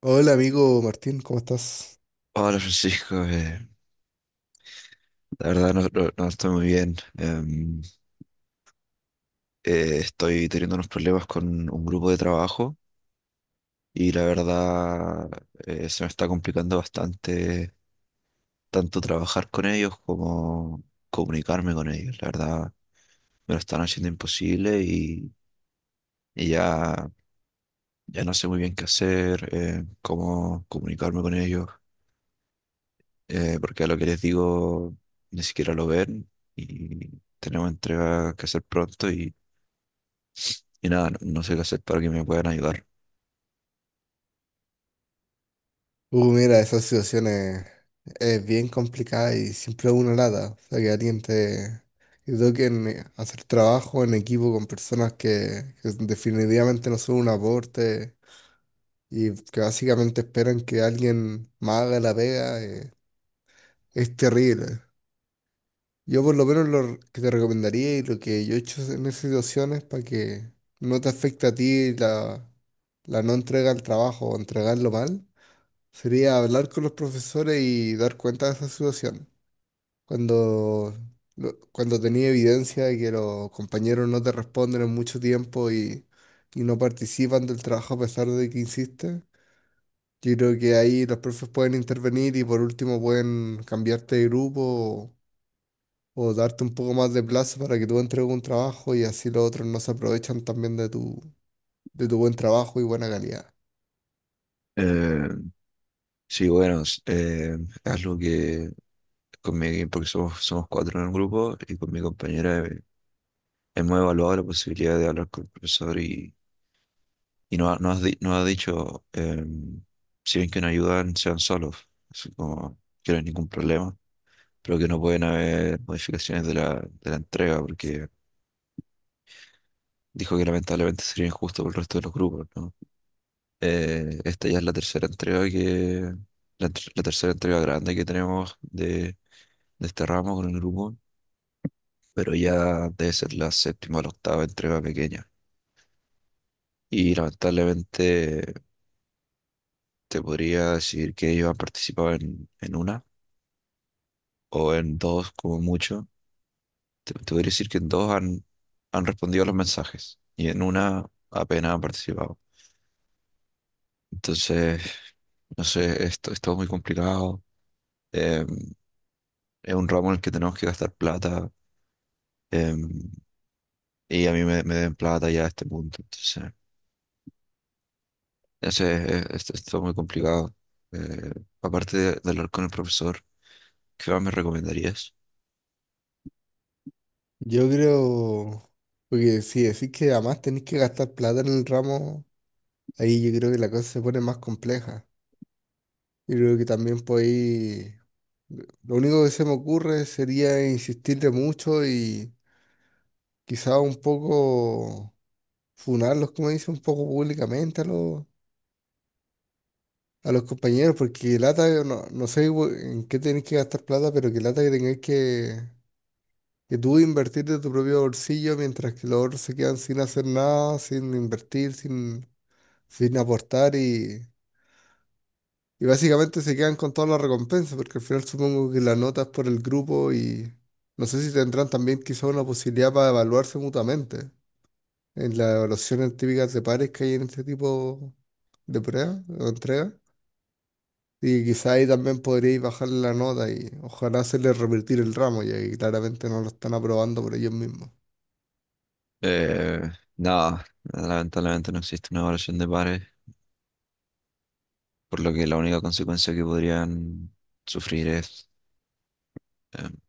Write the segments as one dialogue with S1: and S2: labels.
S1: Hola amigo Martín, ¿cómo estás?
S2: Hola Francisco, la verdad no estoy muy bien. Estoy teniendo unos problemas con un grupo de trabajo y la verdad se me está complicando bastante tanto trabajar con ellos como comunicarme con ellos. La verdad me lo están haciendo imposible y ya, ya no sé muy bien qué hacer, cómo comunicarme con ellos, porque a lo que les digo ni siquiera lo ven y tenemos entrega que hacer pronto y... Y nada, no, no sé qué hacer para que me puedan ayudar.
S1: Mira, es bien complicada y siempre una lata. O sea, que alguien te... Yo creo que te toquen hacer trabajo en equipo con personas que definitivamente no son un aporte y que básicamente esperan que alguien más haga la pega, es terrible. Yo por lo menos lo que te recomendaría y lo que yo he hecho en esas situaciones para que no te afecte a ti la no entrega al trabajo o entregarlo mal sería hablar con los profesores y dar cuenta de esa situación. Cuando, Cuando tenía evidencia de que los compañeros no te responden en mucho tiempo y no participan del trabajo a pesar de que insistes, yo creo que ahí los profes pueden intervenir y por último pueden cambiarte de grupo o darte un poco más de plazo para que tú entregues un trabajo y así los otros no se aprovechan también de de tu buen trabajo y buena calidad.
S2: Eh, sí, bueno, es algo que porque somos cuatro en el grupo y con mi compañera hemos evaluado la posibilidad de hablar con el profesor y, nos ha dicho, si ven que no ayudan, sean solos, así como que no hay ningún problema, pero que no pueden haber modificaciones de de la entrega, porque dijo que lamentablemente sería injusto por el resto de los grupos, ¿no? Esta ya es la tercera entrega la tercera entrega grande que tenemos de este ramo con el grupo, pero ya debe ser la séptima o la octava entrega pequeña. Y lamentablemente te podría decir que ellos han participado en una o en dos como mucho. Te podría decir que en dos han respondido a los mensajes y en una apenas han participado. Entonces, no sé, esto, es todo muy complicado. Em, es un ramo en el que tenemos que gastar plata. Em, y a mí me den plata ya a este punto. Entonces, es todo muy complicado. Eh, aparte de hablar con el profesor, ¿qué más me recomendarías?
S1: Yo creo, porque si decís que además tenés que gastar plata en el ramo, ahí yo creo que la cosa se pone más compleja. Yo creo que también podéis, lo único que se me ocurre sería insistirle mucho y quizá un poco funarlos, como dice, un poco públicamente a a los compañeros, porque lata, no, no sé bu- en qué tenéis que gastar plata, pero que lata que que tú invertir de tu propio bolsillo mientras que los otros se quedan sin hacer nada, sin invertir, sin... sin aportar y básicamente se quedan con todas las recompensas, porque al final supongo que las notas por el grupo y no sé si tendrán también quizá una posibilidad para evaluarse mutuamente en las evaluaciones típicas de pares que hay en este tipo de pruebas o entregas. Y quizá ahí también podríais bajarle la nota y ojalá hacerle revertir el ramo, ya que claramente no lo están aprobando por ellos mismos.
S2: Eh, nada, lamentablemente no existe una evaluación de pares, por lo que la única consecuencia que podrían sufrir es eh,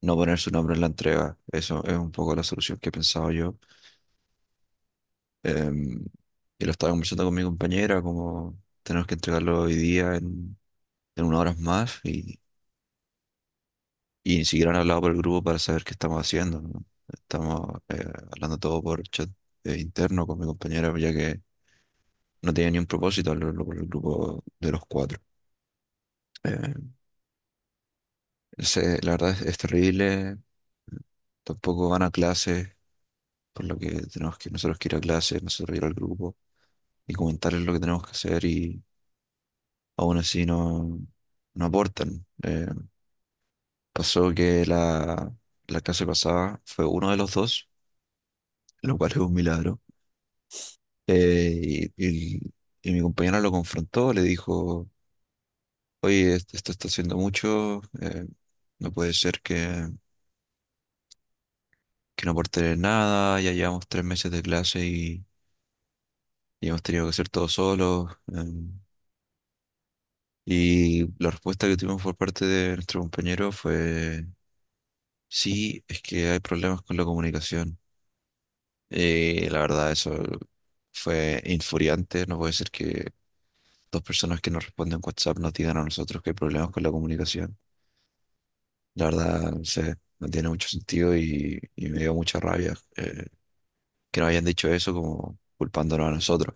S2: no poner su nombre en la entrega. Eso es un poco la solución que he pensado yo. Em, y lo estaba conversando con mi compañera, como tenemos que entregarlo hoy día en unas horas más. Y ni siquiera han hablado por el grupo para saber qué estamos haciendo, ¿no? Estamos hablando todo por chat interno con mi compañera, ya que no tenía ni un propósito hablarlo por el grupo de los cuatro. Eh, la verdad es terrible. Tampoco van a clases, por lo que tenemos que nosotros que ir a clases, nosotros ir al grupo y comentarles lo que tenemos que hacer y aún así no, no aportan. Pasó que la clase pasada fue uno de los dos, lo cual es un milagro. Eh, y, y- y mi compañera lo confrontó, le dijo, oye, esto está haciendo mucho, no puede ser que no aporte nada, ya llevamos tres meses de clase y hemos tenido que hacer todo solos. Y la respuesta que tuvimos por parte de nuestro compañero fue, sí, es que hay problemas con la comunicación. Y la verdad, eso fue infuriante, no puede ser que dos personas que nos responden WhatsApp nos digan a nosotros que hay problemas con la comunicación. La verdad, no sé, no tiene mucho sentido y me dio mucha rabia que nos hayan dicho eso como culpándonos a nosotros.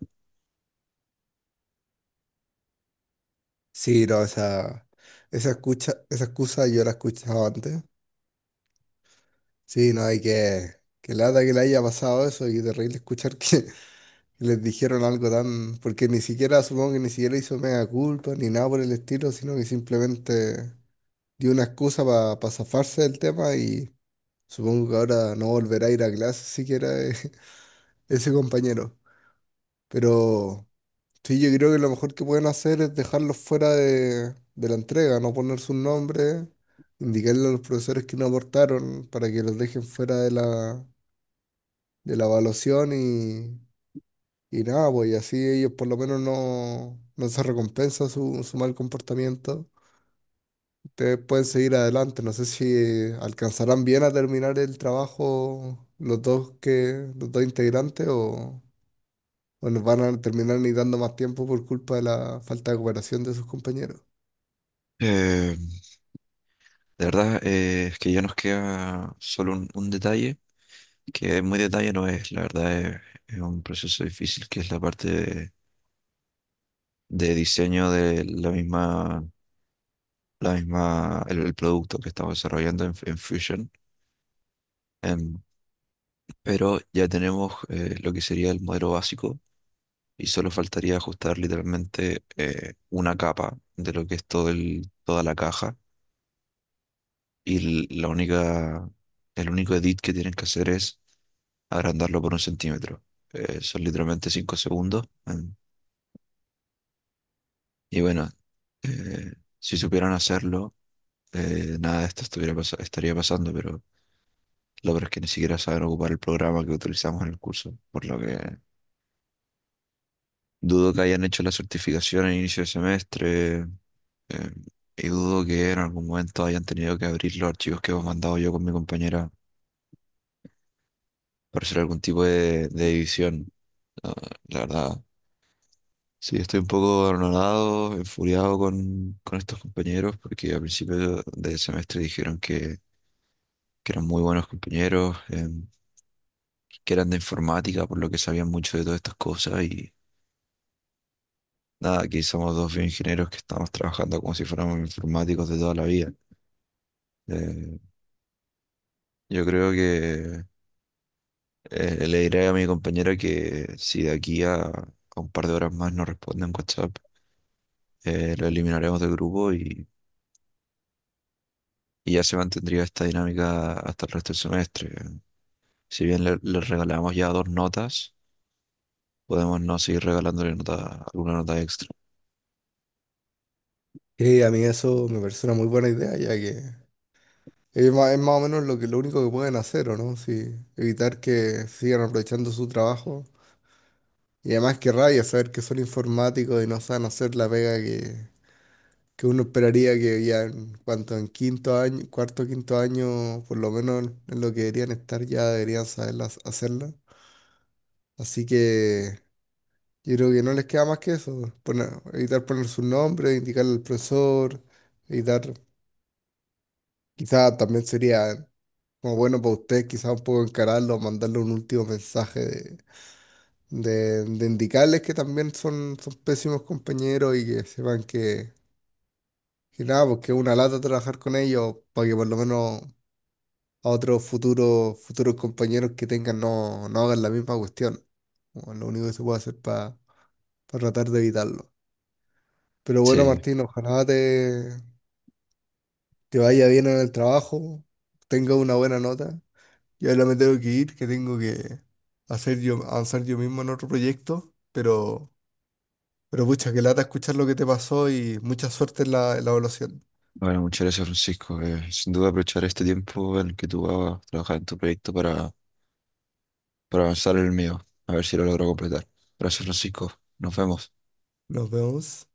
S1: Sí, no, esa excusa yo la he escuchado antes. Sí, no hay que... Que lata que le haya pasado eso y terrible escuchar que les dijeron algo tan... Porque ni siquiera, supongo que ni siquiera hizo mea culpa ni nada por el estilo, sino que simplemente dio una excusa para zafarse del tema y supongo que ahora no volverá a ir a clase siquiera, ese compañero. Pero sí, yo creo que lo mejor que pueden hacer es dejarlos fuera de la entrega, no poner sus nombres, indicarle a los profesores que no aportaron para que los dejen fuera de la evaluación y nada, pues y así ellos por lo menos no, no se recompensa su mal comportamiento. Ustedes pueden seguir adelante, no sé si alcanzarán bien a terminar el trabajo los dos integrantes o nos van a terminar ni dando más tiempo por culpa de la falta de cooperación de sus compañeros.
S2: Eh, de verdad, es que ya nos queda solo un detalle, que muy detalle no es, es un proceso difícil, que es la parte de diseño de la misma, el producto que estamos desarrollando en Fusion. Em, pero ya tenemos lo que sería el modelo básico y solo faltaría ajustar literalmente una capa de lo que es todo toda la caja y el único edit que tienen que hacer es agrandarlo por un centímetro. Son literalmente 5 segundos. Y bueno, eh, si supieran hacerlo, nada de esto estaría pasando, pero lo peor es que ni siquiera saben ocupar el programa que utilizamos en el curso, por lo que dudo que hayan hecho la certificación a inicio de semestre, eh, y dudo que en algún momento hayan tenido que abrir los archivos que hemos mandado yo con mi compañera para hacer algún tipo de edición. Ah, la verdad, sí, estoy un poco anonadado, enfuriado con estos compañeros, porque al principio del semestre dijeron que eran muy buenos compañeros, que eran de informática, por lo que sabían mucho de todas estas cosas, y nada, aquí somos dos bioingenieros que estamos trabajando como si fuéramos informáticos de toda la vida. Eh, yo creo que le diré a mi compañero que si de aquí a un par de horas más no responde en WhatsApp, lo eliminaremos del grupo y ya se mantendría esta dinámica hasta el resto del semestre. Si bien le regalamos ya dos notas, podemos no seguir regalándole alguna nota extra.
S1: Y a mí eso me parece una muy buena idea, ya que es más o menos lo único que pueden hacer, ¿o no?, si evitar que sigan aprovechando su trabajo. Y además qué rabia saber que son informáticos y no saben hacer la pega que uno esperaría que ya en cuanto en quinto año, cuarto, quinto año, por lo menos en lo que deberían estar, ya deberían saberla hacerla. Así que yo creo que no les queda más que eso, poner- evitar poner su nombre, indicarle al profesor, evitar, quizá también sería como bueno para ustedes, quizá un poco encararlo, mandarle un último mensaje de de indicarles que también son pésimos compañeros y que sepan que. Y nada, porque es una lata trabajar con ellos para que por lo menos a otros futuros compañeros que tengan no, no hagan la misma cuestión. Bueno, lo único que se puede hacer para tratar de evitarlo. Pero bueno,
S2: Sí,
S1: Martín, ojalá te vaya bien en el trabajo, tengas una buena nota. Yo ahora me tengo que ir, que tengo que hacer yo, avanzar yo mismo en otro proyecto, pero pucha, que lata escuchar lo que te pasó y mucha suerte en en la evaluación.
S2: bueno, muchas gracias Francisco. Sin duda aprovechar este tiempo en el que tú vas a trabajar en tu proyecto para avanzar en el mío, a ver si lo logro completar. Gracias Francisco, nos vemos.
S1: Nos vemos.